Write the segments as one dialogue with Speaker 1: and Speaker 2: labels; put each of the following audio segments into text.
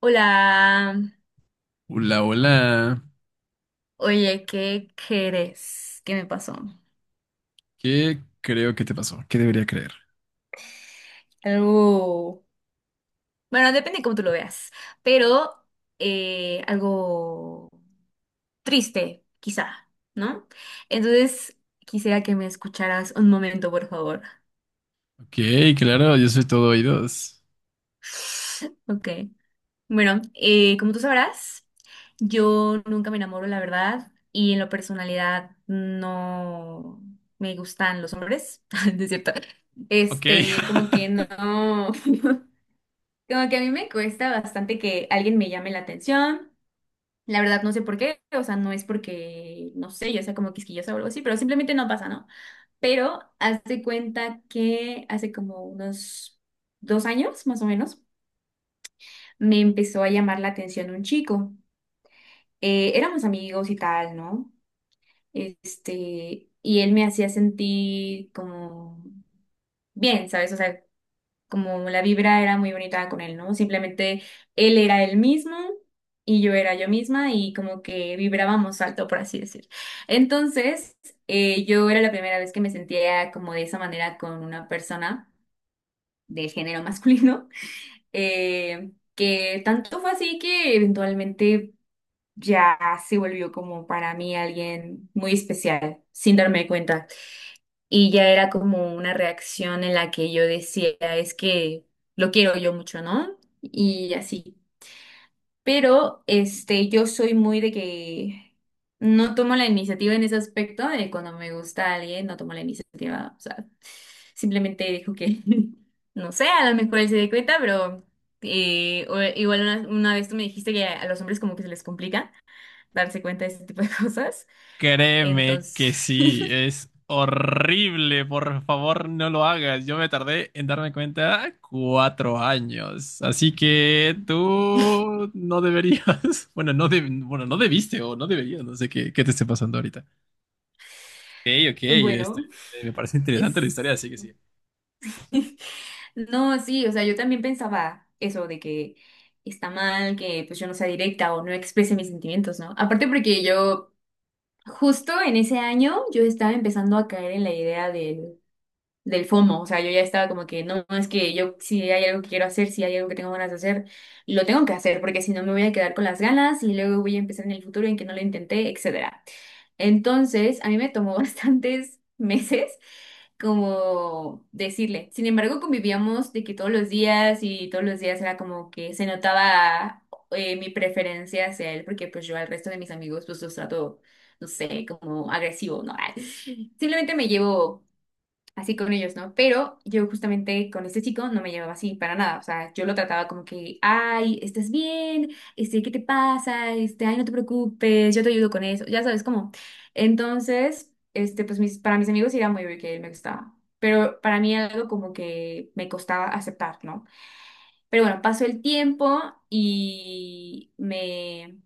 Speaker 1: Hola,
Speaker 2: Hola, hola.
Speaker 1: oye, ¿qué crees? ¿Qué me pasó?
Speaker 2: ¿Qué creo que te pasó? ¿Qué debería creer?
Speaker 1: Algo, bueno, depende de cómo tú lo veas, pero algo triste, quizá, ¿no? Entonces, quisiera que me escucharas un momento, por favor.
Speaker 2: Ok, claro, yo soy todo oídos.
Speaker 1: Ok. Bueno, como tú sabrás, yo nunca me enamoro, la verdad, y en la personalidad no me gustan los hombres, ¿no es cierto?
Speaker 2: Ok,
Speaker 1: Como que no, como que a mí me cuesta bastante que alguien me llame la atención. La verdad, no sé por qué, o sea, no es porque, no sé, yo sea como quisquillosa o algo así, pero simplemente no pasa, ¿no? Pero hazte cuenta que hace como unos 2 años, más o menos, me empezó a llamar la atención un chico. Éramos amigos y tal, ¿no? Y él me hacía sentir como bien, ¿sabes? O sea, como la vibra era muy bonita con él, ¿no? Simplemente él era él mismo y yo era yo misma y como que vibrábamos alto, por así decir. Entonces, yo era la primera vez que me sentía como de esa manera con una persona de género masculino, que tanto fue así que eventualmente ya se volvió como para mí alguien muy especial, sin darme cuenta. Y ya era como una reacción en la que yo decía, es que lo quiero yo mucho, ¿no? Y así. Pero yo soy muy de que no tomo la iniciativa en ese aspecto, de cuando me gusta alguien, no tomo la iniciativa. O sea, simplemente dejo que, no sé, a lo mejor él se dé cuenta, pero igual una vez tú me dijiste que a los hombres como que se les complica darse cuenta de este tipo de cosas.
Speaker 2: créeme
Speaker 1: Entonces,
Speaker 2: que sí, es horrible. Por favor, no lo hagas. Yo me tardé en darme cuenta 4 años. Así que tú no deberías. Bueno, no, bueno, no debiste o no deberías. No sé qué te esté pasando ahorita. Ok, ok, este,
Speaker 1: bueno,
Speaker 2: Me parece interesante la
Speaker 1: es...
Speaker 2: historia, así que sí.
Speaker 1: No, sí, o sea, yo también pensaba eso de que está mal que pues yo no sea directa o no exprese mis sentimientos, ¿no? Aparte porque yo justo en ese año yo estaba empezando a caer en la idea del FOMO, o sea, yo ya estaba como que no, es que yo si hay algo que quiero hacer, si hay algo que tengo ganas de hacer, lo tengo que hacer porque si no me voy a quedar con las ganas y luego voy a empezar en el futuro en que no lo intenté, etcétera. Entonces, a mí me tomó bastantes meses como decirle. Sin embargo, convivíamos de que todos los días y todos los días era como que se notaba mi preferencia hacia él, porque pues yo al resto de mis amigos pues los trato, no sé, como agresivo, ¿no? Simplemente me llevo así con ellos, ¿no? Pero yo justamente con este chico no me llevaba así para nada, o sea, yo lo trataba como que, ay, ¿estás bien? ¿Qué te pasa? Ay, no te preocupes, yo te ayudo con eso, ya sabes cómo. Entonces, pues para mis amigos sí era muy obvio que él me gustaba, pero para mí era algo como que me costaba aceptar, ¿no? Pero bueno, pasó el tiempo y me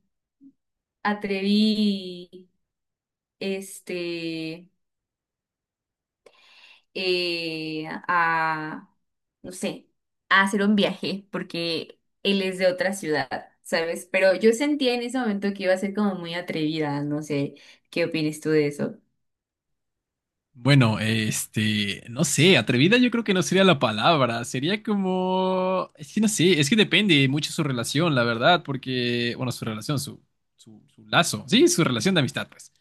Speaker 1: atreví, este... eh, a, no sé, a hacer un viaje, porque él es de otra ciudad, ¿sabes? Pero yo sentía en ese momento que iba a ser como muy atrevida, no sé, ¿qué opinas tú de eso?
Speaker 2: Bueno, no sé, atrevida yo creo que no sería la palabra, sería como, es que no sé, es que depende mucho su relación, la verdad, porque, bueno, su relación, su lazo, sí, su relación de amistad, pues,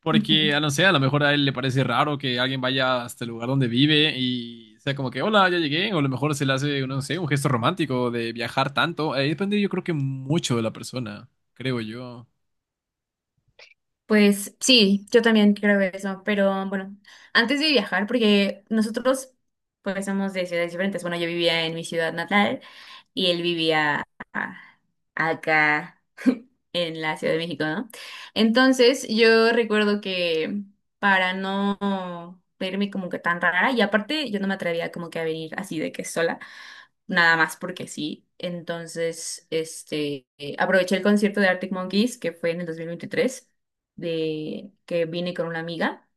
Speaker 2: porque,
Speaker 1: Ujú.
Speaker 2: a no sé, a lo mejor a él le parece raro que alguien vaya hasta el lugar donde vive y sea como que, hola, ya llegué, o a lo mejor se le hace, no sé, un gesto romántico de viajar tanto, ahí depende yo creo que mucho de la persona, creo yo.
Speaker 1: Pues sí, yo también creo eso, pero bueno, antes de viajar, porque nosotros pues somos de ciudades diferentes, bueno, yo vivía en mi ciudad natal y él vivía a- acá en la Ciudad de México, ¿no? Entonces yo recuerdo que para no verme como que tan rara, y aparte yo no me atrevía como que a venir así de que sola nada más porque sí. Entonces, aproveché el concierto de Arctic Monkeys, que fue en el 2023 que vine con una amiga,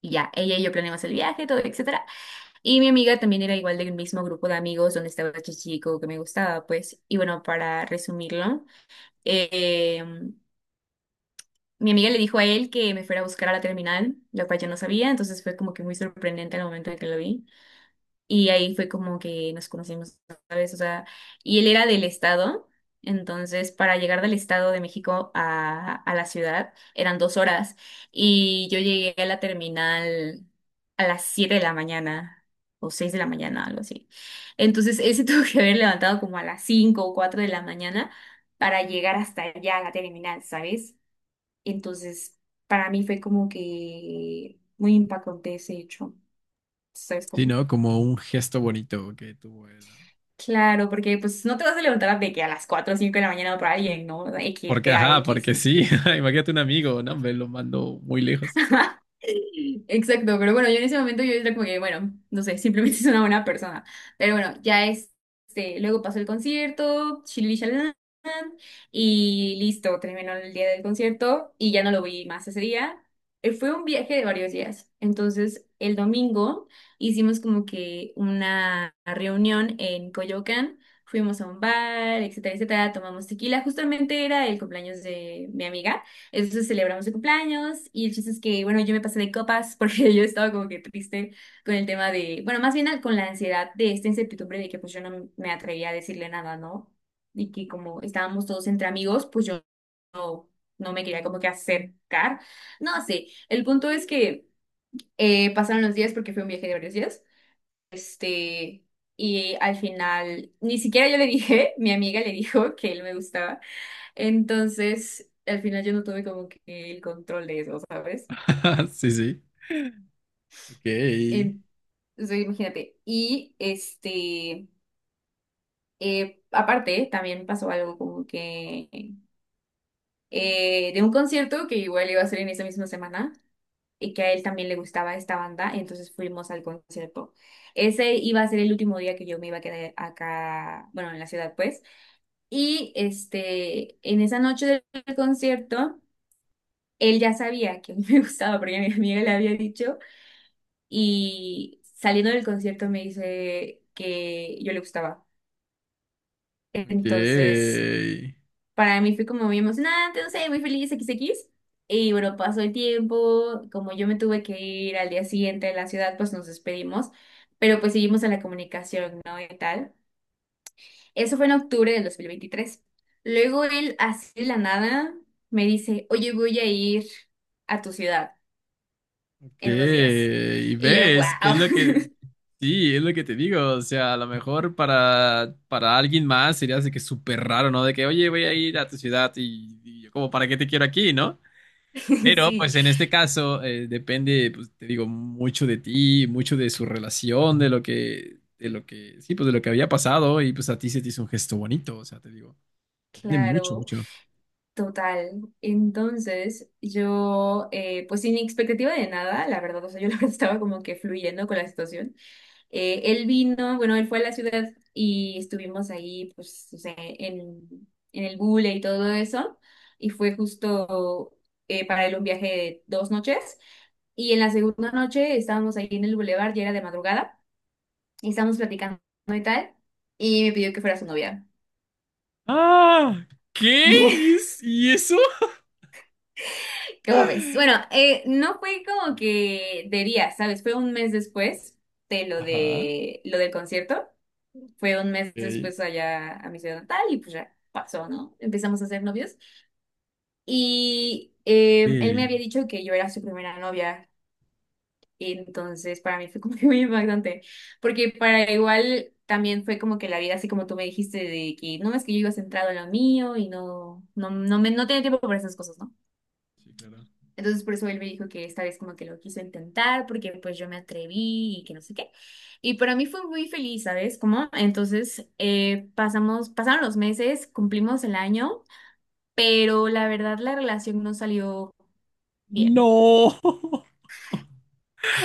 Speaker 1: y ya, ella y yo planeamos el viaje, todo, etcétera. Y mi amiga también era igual del mismo grupo de amigos donde estaba este chico que me gustaba, pues. Y bueno, para resumirlo, eh, mi amiga le dijo a él que me fuera a buscar a la terminal, lo cual yo no sabía, entonces fue como que muy sorprendente el momento en que lo vi. Y ahí fue como que nos conocimos, ¿sabes? O sea, y él era del estado, entonces para llegar del estado de México a la ciudad eran 2 horas y yo llegué a la terminal a las 7 de la mañana o 6 de la mañana, algo así. Entonces él se tuvo que haber levantado como a las 5 o 4 de la mañana para llegar hasta allá a la terminal, ¿sabes? Entonces para mí fue como que muy impactante ese hecho, ¿sabes
Speaker 2: Sí,
Speaker 1: cómo?
Speaker 2: ¿no? Como un gesto bonito que tuvo él.
Speaker 1: Claro, porque pues no te vas a levantar de que a las 4 o 5 de la mañana por alguien, ¿no? X,
Speaker 2: Porque,
Speaker 1: te da
Speaker 2: ajá,
Speaker 1: X,
Speaker 2: porque
Speaker 1: ¿no?
Speaker 2: sí. Imagínate un amigo, no, hombre, lo mando muy lejos.
Speaker 1: Exacto, pero bueno, yo en ese momento yo era como que, bueno, no sé, simplemente es una buena persona. Pero bueno, ya luego pasó el concierto, shilili shalalán, y listo, terminó el día del concierto y ya no lo vi más ese día. Fue un viaje de varios días. Entonces, el domingo hicimos como que una reunión en Coyoacán. Fuimos a un bar, etcétera, etcétera, tomamos tequila. Justamente era el cumpleaños de mi amiga. Entonces celebramos su cumpleaños y el chiste es que, bueno, yo me pasé de copas porque yo estaba como que triste con el tema de, bueno, más bien con la ansiedad de esta incertidumbre de que pues yo no me atrevía a decirle nada, ¿no? Y que como estábamos todos entre amigos, pues yo no me quería como que acercar. No sé, el punto es que pasaron los días porque fue un viaje de varios días. Este, y al final, ni siquiera yo le dije, mi amiga le dijo que él me gustaba. Entonces, al final yo no tuve como que el control de eso, ¿sabes?
Speaker 2: Sí, sí. Ok,
Speaker 1: Em, o imagínate. Y aparte, también pasó algo como que de un concierto que igual iba a ser en esa misma semana y que a él también le gustaba esta banda, entonces fuimos al concierto. Ese iba a ser el último día que yo me iba a quedar acá, bueno, en la ciudad, pues. Y en esa noche del concierto, él ya sabía que a mí me gustaba porque mi amiga le había dicho y saliendo del concierto me dice que yo le gustaba.
Speaker 2: ok,
Speaker 1: Entonces, para mí fue como muy emocionante, no sé, muy feliz, XX. Y bueno, pasó el tiempo, como yo me tuve que ir al día siguiente de la ciudad, pues nos despedimos, pero pues seguimos en la comunicación, ¿no? Y tal. Eso fue en octubre del 2023. Luego él, así de la nada, me dice, oye, voy a ir a tu ciudad
Speaker 2: ok.
Speaker 1: en unos días.
Speaker 2: Y
Speaker 1: Y yo, wow,
Speaker 2: ves, es lo que, sí, es lo que te digo. O sea, a lo mejor para alguien más sería así que súper raro, ¿no? De que, oye, voy a ir a tu ciudad y yo como, ¿para qué te quiero aquí, no? Pero
Speaker 1: sí,
Speaker 2: pues en este caso depende, pues te digo, mucho de ti, mucho de su relación, de lo que, sí, pues de lo que había pasado y pues a ti se te hizo un gesto bonito, o sea, te digo, depende mucho,
Speaker 1: claro.
Speaker 2: mucho.
Speaker 1: Total. Entonces, yo, pues sin expectativa de nada, la verdad, o sea, yo la verdad estaba como que fluyendo con la situación. Él vino, bueno, él fue a la ciudad y estuvimos ahí, pues, o sea, en el Gule y todo eso. Y fue justo para él un viaje de 2 noches. Y en la segunda noche estábamos ahí en el bulevar, ya era de madrugada, y estábamos platicando y tal, y me pidió que fuera su novia.
Speaker 2: Ah, ¿qué? ¿Y, y eso?
Speaker 1: ¿Qué ves? Bueno, no fue como que de día, ¿sabes? Fue un mes después de lo
Speaker 2: Ajá,
Speaker 1: de lo del concierto. Fue un mes
Speaker 2: ok.
Speaker 1: después allá a mi ciudad natal y pues ya pasó, ¿no? Empezamos a ser novios. Y él me había
Speaker 2: Ok.
Speaker 1: dicho que yo era su primera novia. Y entonces para mí fue como que muy impactante. Porque para igual también fue como que la vida, así como tú me dijiste, de que no es que yo iba centrado en lo mío y no, no, no me no tenía tiempo para esas cosas, ¿no?
Speaker 2: Sí, claro.
Speaker 1: Entonces por eso él me dijo que esta vez como que lo quiso intentar porque pues yo me atreví y que no sé qué. Y para mí fue muy feliz, ¿sabes? Como entonces pasaron los meses, cumplimos el año, pero la verdad la relación no salió bien.
Speaker 2: No,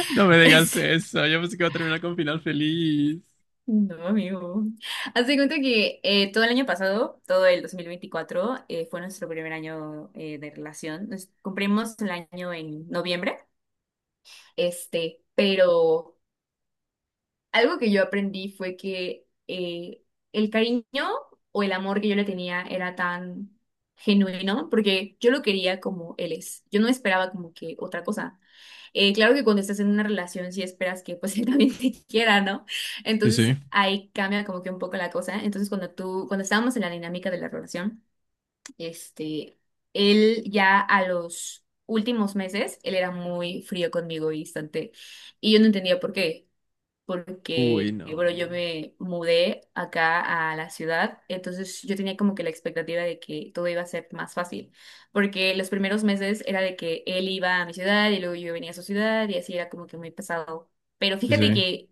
Speaker 2: no me digas
Speaker 1: Es,
Speaker 2: eso, yo pensé que iba a terminar con final feliz.
Speaker 1: no, amigo. Hazte cuenta que todo el año pasado, todo el 2024, fue nuestro primer año de relación. Nos cumplimos el año en noviembre, pero... Algo que yo aprendí fue que el cariño o el amor que yo le tenía era tan genuino, porque yo lo quería como él es. Yo no esperaba como que otra cosa. Claro que cuando estás en una relación sí esperas que pues él también te quiera, ¿no?
Speaker 2: Sí,
Speaker 1: Entonces
Speaker 2: sí.
Speaker 1: ahí cambia como que un poco la cosa. Entonces cuando tú, cuando estábamos en la dinámica de la relación, este, él ya a los últimos meses, él era muy frío conmigo y distante. Y yo no entendía por qué
Speaker 2: Uy,
Speaker 1: porque,
Speaker 2: no.
Speaker 1: bueno, yo me mudé acá a la ciudad, entonces yo tenía como que la expectativa de que todo iba a ser más fácil, porque los primeros meses era de que él iba a mi ciudad y luego yo venía a su ciudad y así era como que muy pesado. Pero
Speaker 2: Sí,
Speaker 1: fíjate
Speaker 2: sí.
Speaker 1: que,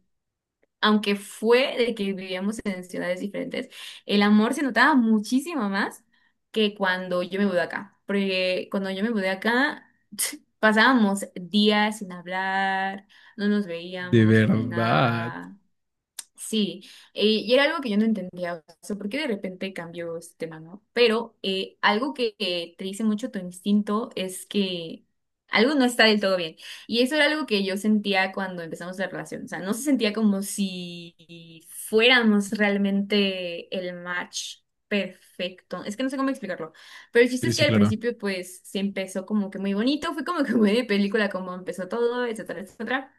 Speaker 1: aunque fue de que vivíamos en ciudades diferentes, el amor se notaba muchísimo más que cuando yo me mudé acá, porque cuando yo me mudé acá... Pasábamos días sin hablar, no nos
Speaker 2: De
Speaker 1: veíamos ni
Speaker 2: verdad.
Speaker 1: nada. Sí, y era algo que yo no entendía, o sea, ¿por qué de repente cambió este tema, no? Pero algo que te dice mucho tu instinto es que algo no está del todo bien. Y eso era algo que yo sentía cuando empezamos la relación, o sea, no se sentía como si fuéramos realmente el match perfecto. Es que no sé cómo explicarlo, pero el chiste
Speaker 2: Sí,
Speaker 1: es que
Speaker 2: sí,
Speaker 1: al
Speaker 2: claro.
Speaker 1: principio pues se empezó como que muy bonito, fue como que muy de película, como empezó todo, etcétera, etcétera,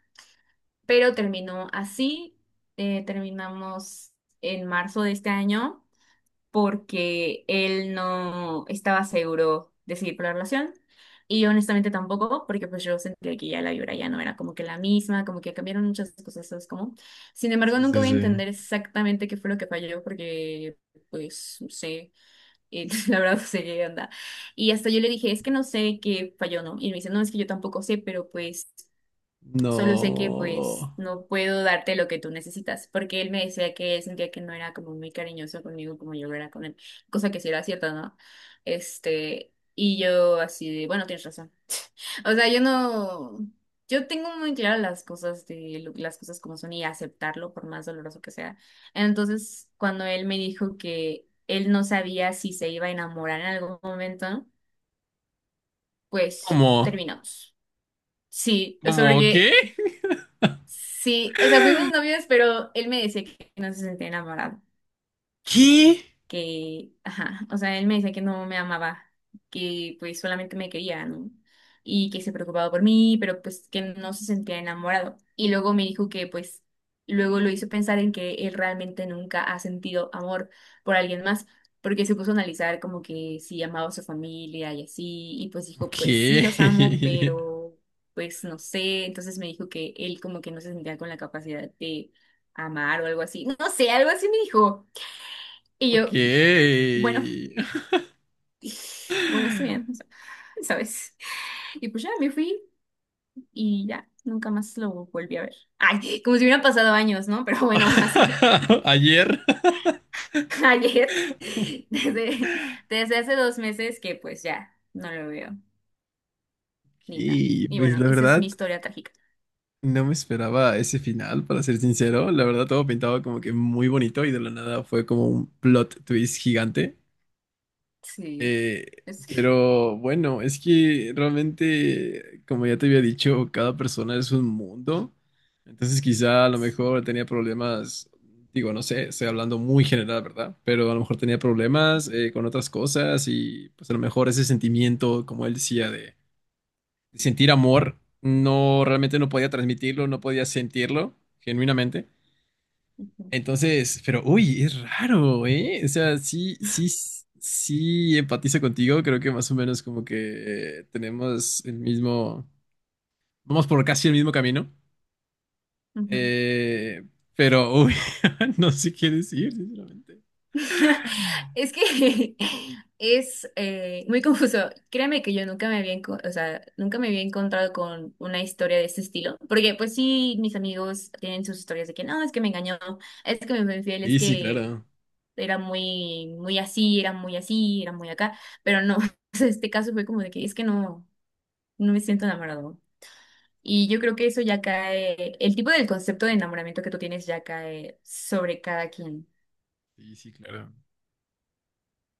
Speaker 1: pero terminó así. Terminamos en marzo de este año porque él no estaba seguro de seguir con la relación y yo honestamente tampoco porque pues yo sentía que ya la vibra ya no era como que la misma, como que cambiaron muchas cosas, ¿sabes cómo? Sin embargo,
Speaker 2: Sí,
Speaker 1: nunca
Speaker 2: sí,
Speaker 1: voy a
Speaker 2: sí.
Speaker 1: entender exactamente qué fue lo que falló porque pues no sé, la verdad no sé qué onda. Y hasta yo le dije, es que no sé qué falló, ¿no? Y me dice, no, es que yo tampoco sé, pero pues... Solo sé que pues
Speaker 2: No.
Speaker 1: no puedo darte lo que tú necesitas, porque él me decía que él sentía que no era como muy cariñoso conmigo como yo lo era con él, cosa que sí era cierta, ¿no? Y yo así de, bueno, tienes razón. O sea, yo no, yo tengo muy claras las cosas de las cosas como son y aceptarlo por más doloroso que sea. Entonces, cuando él me dijo que él no sabía si se iba a enamorar en algún momento, pues
Speaker 2: ¿Cómo?
Speaker 1: terminamos. Sí, o sea,
Speaker 2: ¿Cómo
Speaker 1: porque
Speaker 2: qué?
Speaker 1: sí, o sea, fuimos novios, pero él me decía que no se sentía enamorado,
Speaker 2: ¿Qué?
Speaker 1: que, ajá, o sea, él me decía que no me amaba, que pues solamente me quería, ¿no? Y que se preocupaba por mí, pero pues que no se sentía enamorado. Y luego me dijo que pues luego lo hizo pensar en que él realmente nunca ha sentido amor por alguien más, porque se puso a analizar como que si amaba a su familia y así, y pues dijo,
Speaker 2: Ok.
Speaker 1: pues sí los amo, pero pues no sé, entonces me dijo que él como que no se sentía con la capacidad de amar o algo así, no sé, algo así me dijo. Y
Speaker 2: Ok.
Speaker 1: yo, bueno. Bueno, está bien, o sea, ¿sabes? Y pues ya me fui y ya, nunca más lo volví a ver. Ay, como si hubieran pasado años, ¿no? Pero bueno, hace
Speaker 2: Ayer.
Speaker 1: ayer, desde, desde hace 2 meses que pues ya no lo veo ni nada.
Speaker 2: Y
Speaker 1: Y
Speaker 2: pues
Speaker 1: bueno,
Speaker 2: la
Speaker 1: esa es mi
Speaker 2: verdad,
Speaker 1: historia trágica.
Speaker 2: no me esperaba ese final, para ser sincero. La verdad, todo pintaba como que muy bonito y de la nada fue como un plot twist gigante.
Speaker 1: Sí,
Speaker 2: Eh,
Speaker 1: es-
Speaker 2: pero bueno, es que realmente, como ya te había dicho, cada persona es un mundo. Entonces quizá a lo
Speaker 1: sí.
Speaker 2: mejor tenía problemas, digo, no sé, estoy hablando muy general, ¿verdad? Pero a lo mejor tenía problemas
Speaker 1: Ujú,
Speaker 2: con otras cosas y pues a lo mejor ese sentimiento, como él decía, de sentir amor, no realmente no podía transmitirlo, no podía sentirlo genuinamente.
Speaker 1: ujú,
Speaker 2: Entonces, pero uy, es raro, ¿eh? O sea, sí, sí, sí empatizo contigo. Creo que más o menos como que tenemos el mismo, vamos por casi el mismo camino.
Speaker 1: ujú.
Speaker 2: Eh, pero, uy, no sé qué decir, sinceramente.
Speaker 1: Es que es muy confuso. Créeme que yo nunca o sea, nunca me había encontrado con una historia de este estilo, porque pues sí, mis amigos tienen sus historias de que no, es que me engañó, es que me fue infiel, es
Speaker 2: Sí, sí,
Speaker 1: que
Speaker 2: claro.
Speaker 1: era muy, muy así, era muy así, era muy acá, pero no, o sea, este caso fue como de que es que no, no me siento enamorado. Y yo creo que eso ya cae, el tipo del concepto de enamoramiento que tú tienes ya cae sobre cada quien.
Speaker 2: Sí, sí, claro.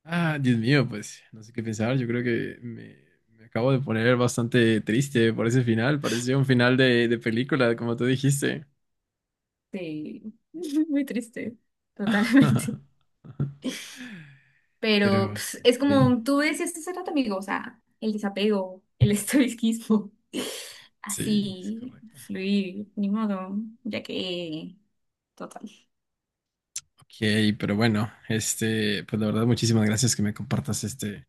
Speaker 2: Ah, Dios mío, pues no sé qué pensar. Yo creo que me acabo de poner bastante triste por ese final. Parecía un final de película, como tú dijiste.
Speaker 1: Sí, muy triste, totalmente. Pero
Speaker 2: Pero,
Speaker 1: pues, es
Speaker 2: ok.
Speaker 1: como tú decías hace rato, amigo, o sea, el desapego, el estoicismo,
Speaker 2: Sí, es
Speaker 1: así,
Speaker 2: correcto.
Speaker 1: fluir, ni modo, ya que, total.
Speaker 2: Ok, pero bueno, pues la verdad, muchísimas gracias que me compartas este,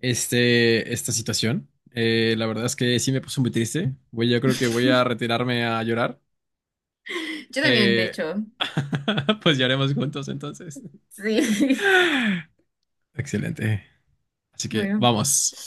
Speaker 2: este, esta situación. La verdad es que sí me puso muy triste. Voy, yo creo que voy a retirarme a llorar.
Speaker 1: Yo también, de
Speaker 2: Eh,
Speaker 1: hecho,
Speaker 2: pues lloremos juntos entonces.
Speaker 1: sí.
Speaker 2: Excelente. Así que
Speaker 1: Bueno.
Speaker 2: vamos.